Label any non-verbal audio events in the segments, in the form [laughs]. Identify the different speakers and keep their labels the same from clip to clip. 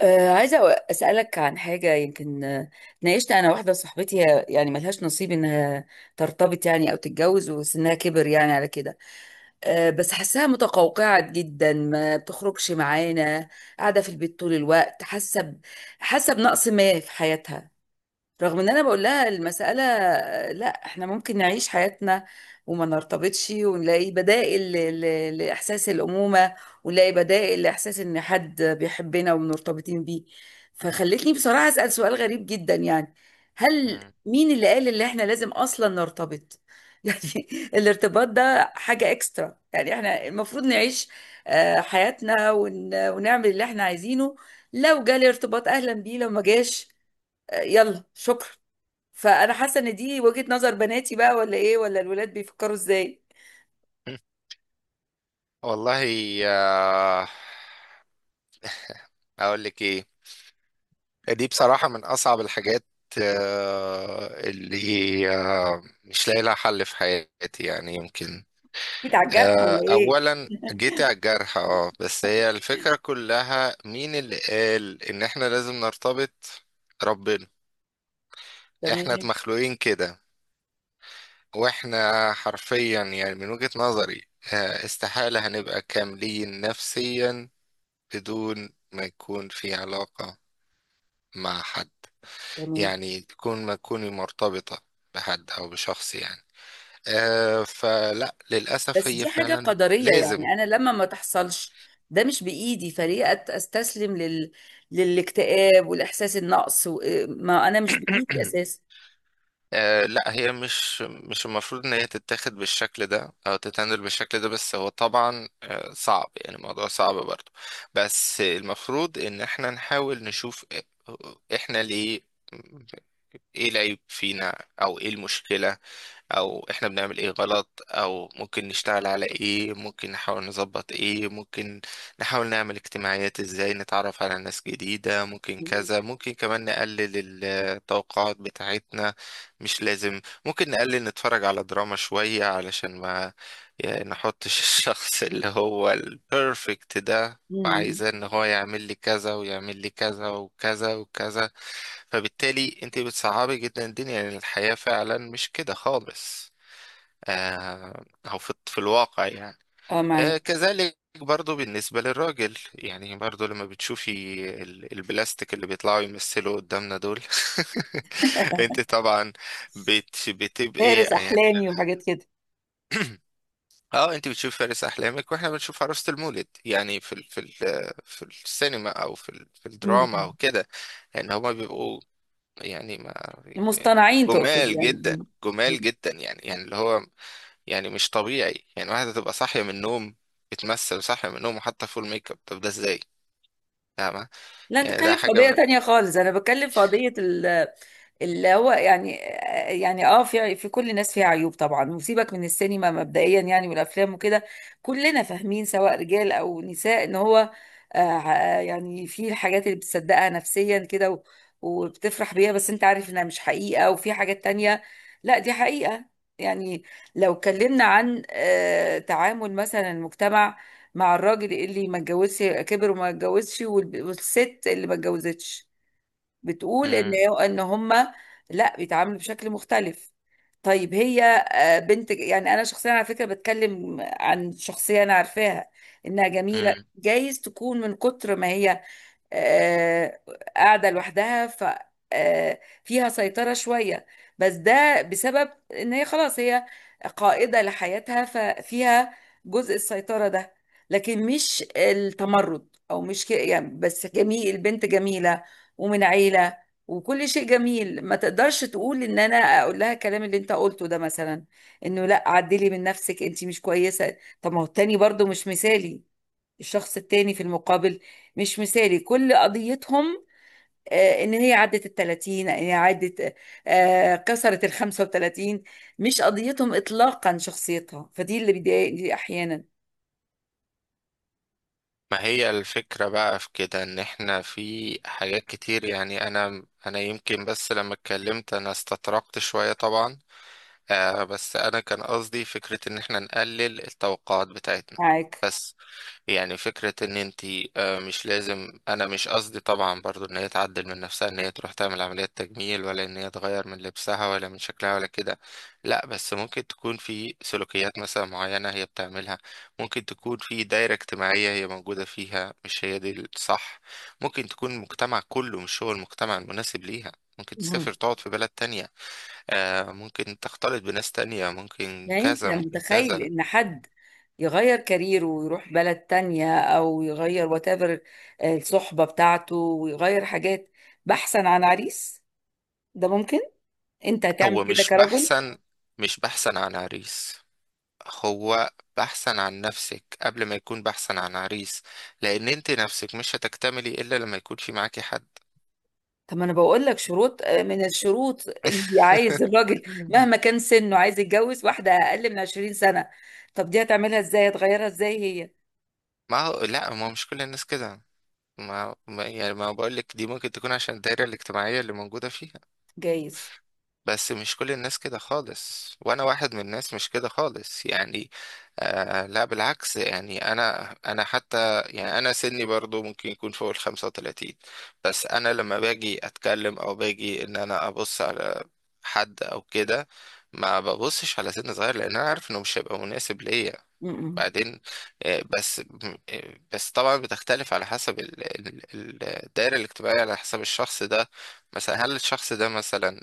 Speaker 1: عايزة أسألك عن حاجة. يمكن اتناقشت أنا واحدة صاحبتي، هي يعني ملهاش نصيب إنها ترتبط يعني أو تتجوز، وسنها كبر يعني على كده. بس حاساها متقوقعة جدا، ما بتخرجش معانا، قاعدة في البيت طول الوقت، حاسة حاسة بنقص ما في حياتها. رغم ان انا بقول لها المسألة، لا احنا ممكن نعيش حياتنا وما نرتبطش، ونلاقي بدائل لاحساس الامومة، ونلاقي بدائل لاحساس ان حد بيحبنا ومرتبطين بيه. فخلتني بصراحة اسأل سؤال غريب جدا، يعني هل
Speaker 2: مم.
Speaker 1: مين اللي قال ان احنا لازم اصلا نرتبط؟ [laughs] يعني الارتباط ده حاجة اكسترا، يعني احنا المفروض نعيش حياتنا ونعمل اللي احنا عايزينه. لو جالي ارتباط اهلا بيه، لو ما جاش يلا شكرا. فانا حاسه ان دي وجهة نظر بناتي بقى، ولا ايه؟ ولا الولاد بيفكروا ازاي؟
Speaker 2: [laughs] والله، آه، اقول لك ايه. دي بصراحة من اصعب الحاجات اللي مش لاقي لها حل في حياتي، يعني يمكن
Speaker 1: جيت على الجرح ولا ايه؟
Speaker 2: اولا
Speaker 1: [laughs]
Speaker 2: جيت على الجرح، اه بس هي الفكرة كلها مين اللي قال ان احنا لازم نرتبط؟ ربنا. احنا
Speaker 1: تمام.
Speaker 2: مخلوقين كده، واحنا حرفيا يعني من وجهة نظري استحالة هنبقى كاملين نفسيا بدون ما يكون في علاقة مع حد،
Speaker 1: تمام،
Speaker 2: يعني تكون ما تكوني مرتبطة بحد أو بشخص يعني. فلا، للأسف
Speaker 1: بس
Speaker 2: هي
Speaker 1: دي حاجة
Speaker 2: فعلا
Speaker 1: قدرية
Speaker 2: لازم.
Speaker 1: يعني. أنا لما ما تحصلش، ده مش بإيدي، فليه أستسلم للاكتئاب والإحساس النقص ما أنا مش بإيدي
Speaker 2: [clears throat]
Speaker 1: أساسا.
Speaker 2: لا، هي مش المفروض إن هي تتاخد بالشكل ده أو تتعامل بالشكل ده، بس هو طبعا صعب، يعني الموضوع صعب برضه. بس المفروض إن احنا نحاول نشوف إحنا ليه، ايه العيب فينا او ايه المشكلة، او احنا بنعمل ايه غلط، او ممكن نشتغل على ايه، ممكن نحاول نظبط ايه، ممكن نحاول نعمل اجتماعيات، ازاي نتعرف على ناس جديدة، ممكن
Speaker 1: مم.
Speaker 2: كذا، ممكن كمان نقلل التوقعات بتاعتنا. مش لازم، ممكن نقلل نتفرج على دراما شوية علشان ما يعني نحطش [laughs] الشخص اللي هو البرفكت ده،
Speaker 1: مم.
Speaker 2: وعايزاه ان هو يعمل لي كذا ويعمل لي كذا وكذا وكذا. فبالتالي انت بتصعبي جدا الدنيا، يعني الحياة فعلا مش كده خالص. آه او في الواقع يعني.
Speaker 1: أه، معاك.
Speaker 2: كذلك برضو بالنسبة للراجل، يعني برضو لما بتشوفي البلاستيك اللي بيطلعوا يمثلوا قدامنا دول، [laughs] انت طبعا بتبقي
Speaker 1: فارس
Speaker 2: يعني،
Speaker 1: أحلامي وحاجات كده.
Speaker 2: اه انت بتشوف فارس احلامك واحنا بنشوف عروسة المولد، يعني في السينما او في الدراما
Speaker 1: مم.
Speaker 2: او كده، يعني هما بيبقوا يعني ما، يعني
Speaker 1: المصطنعين تقصد
Speaker 2: جمال
Speaker 1: يعني.
Speaker 2: جدا،
Speaker 1: مم. مم.
Speaker 2: جمال جدا، يعني اللي هو يعني مش طبيعي. يعني واحدة تبقى صاحية من النوم، بتمثل صاحية من النوم وحاطة فول ميك اب، طب ده ازاي؟ فاهمة؟
Speaker 1: لا، أنت
Speaker 2: يعني ده
Speaker 1: بتتكلم في
Speaker 2: حاجة
Speaker 1: قضية
Speaker 2: من.
Speaker 1: تانية خالص، أنا بتكلم في قضية اللي هو يعني، يعني اه في كل الناس فيها عيوب طبعا. وسيبك من السينما مبدئيا يعني، والافلام وكده. كلنا فاهمين سواء رجال او نساء ان هو آه، يعني في الحاجات اللي بتصدقها نفسيا كده وبتفرح بيها، بس انت عارف انها مش حقيقة، وفي حاجات تانية لا دي حقيقة. يعني لو اتكلمنا عن آه تعامل مثلا المجتمع مع الراجل اللي ما اتجوزش كبر وما اتجوزش، والست اللي ما اتجوزتش، بتقول ان
Speaker 2: مم.
Speaker 1: ان هم لا، بيتعاملوا بشكل مختلف. طيب هي بنت. يعني انا شخصيا على فكره بتكلم عن شخصيه انا عارفاها، انها جميله.
Speaker 2: مم.
Speaker 1: جايز تكون من كتر ما هي آه، قاعدة لوحدها، ف فيها سيطرة شوية، بس ده بسبب ان هي خلاص هي قائدة لحياتها، ففيها جزء السيطرة ده. لكن مش التمرد، او مش يعني بس جميل، البنت جميلة ومن عيلة وكل شيء جميل. ما تقدرش تقول ان انا اقول لها الكلام اللي انت قلته ده مثلا، انه لا عدلي من نفسك، انت مش كويسة. طب ما هو التاني برضو مش مثالي، الشخص التاني في المقابل مش مثالي. كل قضيتهم ان هي عدت ال 30، ان هي عدت كسرت ال 35، مش قضيتهم اطلاقا شخصيتها. فدي اللي بيضايقني احيانا.
Speaker 2: ما هي الفكرة بقى في كده، ان احنا في حاجات كتير، يعني انا يمكن، بس لما اتكلمت انا استطرقت شوية طبعا. بس انا كان قصدي فكرة ان احنا نقلل التوقعات بتاعتنا.
Speaker 1: معاك.
Speaker 2: بس يعني فكرة ان انت مش لازم، انا مش قصدي طبعا برضو ان هي تعدل من نفسها، ان هي تروح تعمل عملية تجميل، ولا ان هي تغير من لبسها ولا من شكلها ولا كده. لا، بس ممكن تكون في سلوكيات مثلا معينة هي بتعملها، ممكن تكون في دايرة اجتماعية هي موجودة فيها مش هي دي الصح، ممكن تكون المجتمع كله مش هو المجتمع المناسب ليها، ممكن
Speaker 1: مم.
Speaker 2: تسافر تقعد في بلد تانية، ممكن تختلط بناس تانية، ممكن
Speaker 1: يعني انت
Speaker 2: كذا ممكن
Speaker 1: متخيل
Speaker 2: كذا.
Speaker 1: ان حد يغير كاريره ويروح بلد تانية، او يغير واتيفر الصحبة بتاعته، ويغير حاجات بحثا عن عريس؟ ده ممكن؟ انت هتعمل
Speaker 2: هو
Speaker 1: كده
Speaker 2: مش
Speaker 1: كرجل؟
Speaker 2: بحثا مش بحثا عن عريس. هو بحثا عن نفسك قبل ما يكون بحثا عن عريس، لان انت نفسك مش هتكتملي الا لما يكون في معاكي حد.
Speaker 1: طب ما انا بقول لك شروط. من الشروط اللي عايز الراجل
Speaker 2: [laughs]
Speaker 1: مهما كان سنه عايز يتجوز واحدة اقل من 20 سنة. طب دي هتعملها ازاي؟ هتغيرها ازاي هي؟
Speaker 2: ما هو، لا، ما هو مش كل الناس كده. يعني ما بقول لك، دي ممكن تكون عشان الدايره الاجتماعيه اللي موجوده فيه،
Speaker 1: جايز.
Speaker 2: بس مش كل الناس كده خالص، وانا واحد من الناس مش كده خالص يعني. لا بالعكس، يعني انا حتى، يعني انا سني برضو ممكن يكون فوق ال 35. بس انا لما باجي اتكلم او باجي ان انا ابص على حد او كده، ما ببصش على سن صغير، لان انا عارف انه مش هيبقى مناسب ليا.
Speaker 1: م-م.
Speaker 2: بعدين آه، بس بس طبعا بتختلف على حسب الدائرة الاجتماعية، على حسب الشخص ده. مثلا هل الشخص ده مثلا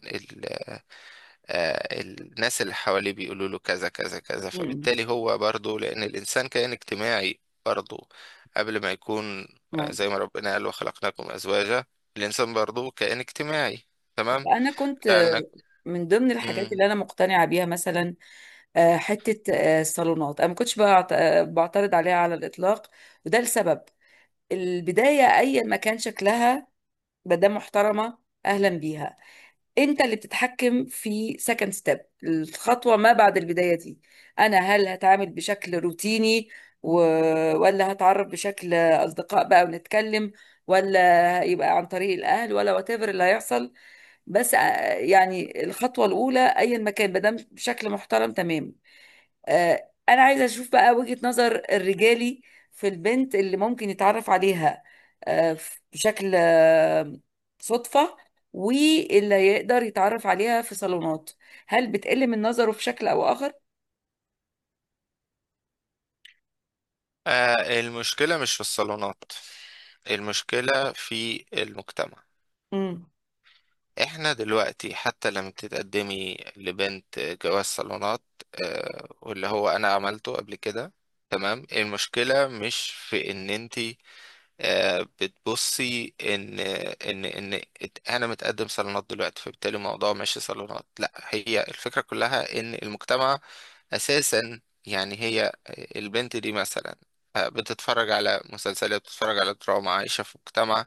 Speaker 2: الناس اللي حواليه بيقولوا له كذا كذا كذا،
Speaker 1: م-م.
Speaker 2: فبالتالي هو برضه لأن الإنسان كائن اجتماعي، برضه قبل ما يكون
Speaker 1: م.
Speaker 2: زي ما ربنا قال وخلقناكم أزواجا، الإنسان برضه كائن اجتماعي.
Speaker 1: طب
Speaker 2: تمام.
Speaker 1: انا كنت
Speaker 2: ده إنك.
Speaker 1: من ضمن الحاجات
Speaker 2: مم.
Speaker 1: اللي انا مقتنعة بيها مثلا حتة الصالونات، انا ما كنتش بعترض عليها على الاطلاق، وده لسبب. البداية اي ما كان شكلها، ما دام محترمة اهلا بيها. انت اللي بتتحكم في سكند ستيب، الخطوه ما بعد البدايه دي. انا هل هتعامل بشكل روتيني و... ولا هتعرف بشكل اصدقاء بقى ونتكلم، ولا يبقى عن طريق الاهل، ولا وات ايفر اللي هيحصل. بس يعني الخطوه الاولى ايا ما كان، ما دام بشكل محترم، تمام. انا عايزه اشوف بقى وجهة نظر الرجالي في البنت اللي ممكن يتعرف عليها بشكل صدفة، واللي يقدر يتعرف عليها في صالونات، هل بتقل من نظره في شكل او اخر؟
Speaker 2: المشكلة مش في الصالونات، المشكلة في المجتمع.
Speaker 1: امم.
Speaker 2: احنا دلوقتي حتى لما تتقدمي لبنت جواز صالونات، واللي هو انا عملته قبل كده، تمام. المشكلة مش في ان انت بتبصي ان ان انا متقدم صالونات دلوقتي، فبالتالي الموضوع ماشي صالونات. لا، هي الفكره كلها ان المجتمع اساسا، يعني هي البنت دي مثلا بتتفرج على مسلسلات، بتتفرج على دراما، عايشه في مجتمع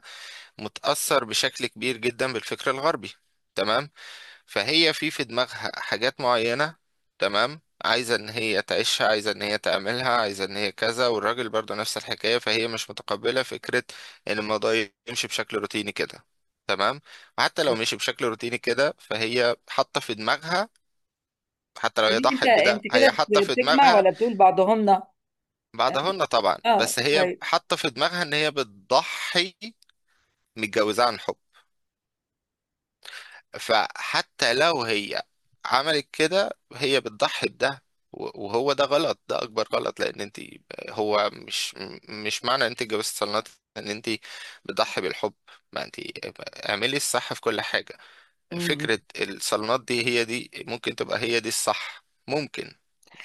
Speaker 2: متاثر بشكل كبير جدا بالفكر الغربي، تمام. فهي في دماغها حاجات معينة، تمام، عايزة ان هي تعيشها، عايزة ان هي تعملها، عايزة ان هي كذا، والراجل برضه نفس الحكاية، فهي مش متقبلة فكرة ان الموضوع يمشي بشكل روتيني كده، تمام. وحتى لو مشي بشكل روتيني كده فهي حاطة في دماغها، حتى لو هي
Speaker 1: ليه انت
Speaker 2: ضحت بده هي حاطة في
Speaker 1: بتجمع
Speaker 2: دماغها،
Speaker 1: ولا بتقول بعضهمنا؟
Speaker 2: بعدهن طبعا،
Speaker 1: اه،
Speaker 2: بس هي
Speaker 1: طيب.
Speaker 2: حاطة في دماغها ان هي بتضحي، متجوزة عن حب. فحتى لو هي عملت كده هي بتضحي بده. وهو ده غلط، ده اكبر غلط، لان انت هو مش مش معنى انت اتجوزت صالونات ان انت بتضحي بالحب. ما انت اعملي الصح في كل حاجه.
Speaker 1: مم.
Speaker 2: فكره الصالونات دي، هي دي ممكن تبقى هي دي الصح، ممكن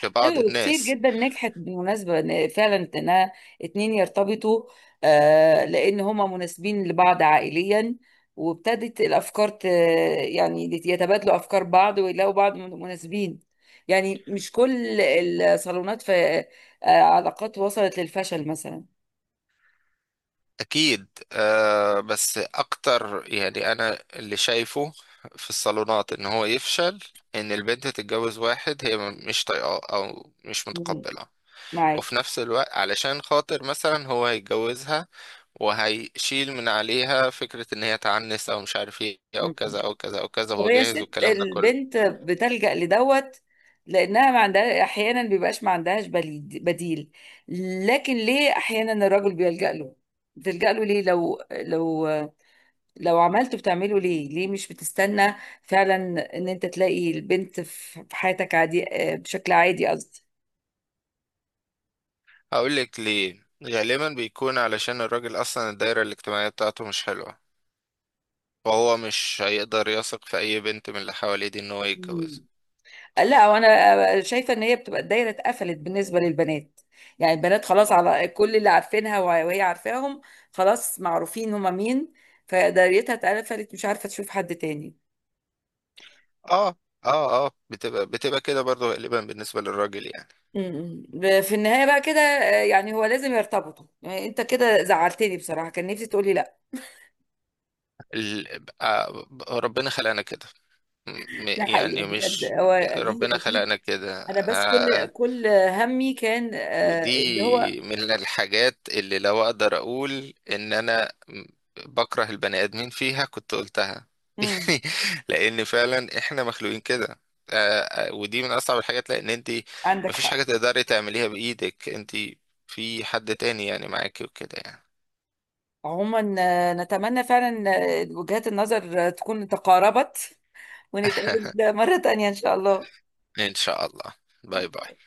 Speaker 2: لبعض
Speaker 1: ايوه، وكتير
Speaker 2: الناس.
Speaker 1: جدا نجحت بالمناسبه، إن فعلا انها اتنين يرتبطوا آه، لان هما مناسبين لبعض عائليا، وابتدت الافكار يعني يتبادلوا افكار بعض، ويلاقوا بعض مناسبين. يعني مش كل الصالونات في آه علاقات وصلت للفشل مثلا.
Speaker 2: أكيد، بس أكتر يعني أنا اللي شايفه في الصالونات إن هو يفشل، إن البنت تتجوز واحد هي مش طايقاه أو مش
Speaker 1: مم.
Speaker 2: متقبلة،
Speaker 1: معاك.
Speaker 2: وفي نفس الوقت علشان خاطر مثلا هو هيتجوزها وهيشيل من عليها فكرة إن هي تعنس أو مش عارف إيه أو
Speaker 1: مم.
Speaker 2: كذا أو كذا أو كذا،
Speaker 1: طب
Speaker 2: هو
Speaker 1: هي
Speaker 2: جاهز
Speaker 1: الست
Speaker 2: والكلام ده كله.
Speaker 1: البنت بتلجأ لدوت لأنها ما عندها، أحيانا بيبقاش ما عندهاش بديل، لكن ليه أحيانا الراجل بيلجأ له؟ بتلجأ له ليه؟ لو لو، لو عملته بتعمله ليه؟ ليه مش بتستنى فعلا إن أنت تلاقي البنت في حياتك عادي بشكل عادي؟
Speaker 2: هقولك ليه، غالبا بيكون علشان الراجل أصلا الدايرة الاجتماعية بتاعته مش حلوة، فهو مش هيقدر يثق في أي بنت من اللي حواليه دي إن هو يتجوزها.
Speaker 1: قصدي لا، وانا شايفه ان هي بتبقى الدايره اتقفلت بالنسبه للبنات. يعني البنات خلاص، على كل اللي عارفينها وهي عارفاهم، خلاص معروفين هما مين، فدايرتها اتقفلت، مش عارفه تشوف حد تاني.
Speaker 2: اه اه بتبقى كده برضه غالبا بالنسبة للراجل يعني.
Speaker 1: أمم. في النهايه بقى كده يعني هو لازم يرتبطوا يعني؟ انت كده زعلتني بصراحه، كان نفسي تقولي لا.
Speaker 2: ربنا خلقنا كده.
Speaker 1: ده
Speaker 2: يعني
Speaker 1: حقيقه بجد؟
Speaker 2: مش،
Speaker 1: هو اكيد
Speaker 2: ربنا
Speaker 1: اكيد.
Speaker 2: خلقنا كده.
Speaker 1: انا بس كل كل همي كان اللي هو
Speaker 2: ودي من الحاجات اللي لو اقدر اقول ان انا بكره البني ادمين فيها كنت قلتها. [laughs]
Speaker 1: أمم.
Speaker 2: يعني لان فعلا احنا مخلوقين كده. ودي من اصعب الحاجات، لان انت
Speaker 1: عندك
Speaker 2: مفيش
Speaker 1: حق.
Speaker 2: حاجة تقدري تعمليها بايدك انت، في حد تاني يعني معاكي وكده يعني.
Speaker 1: عموما نتمنى فعلا وجهات النظر تكون تقاربت،
Speaker 2: [laughs]
Speaker 1: ونتقابل مرة تانية إن شاء الله.
Speaker 2: ان شاء الله. باي باي.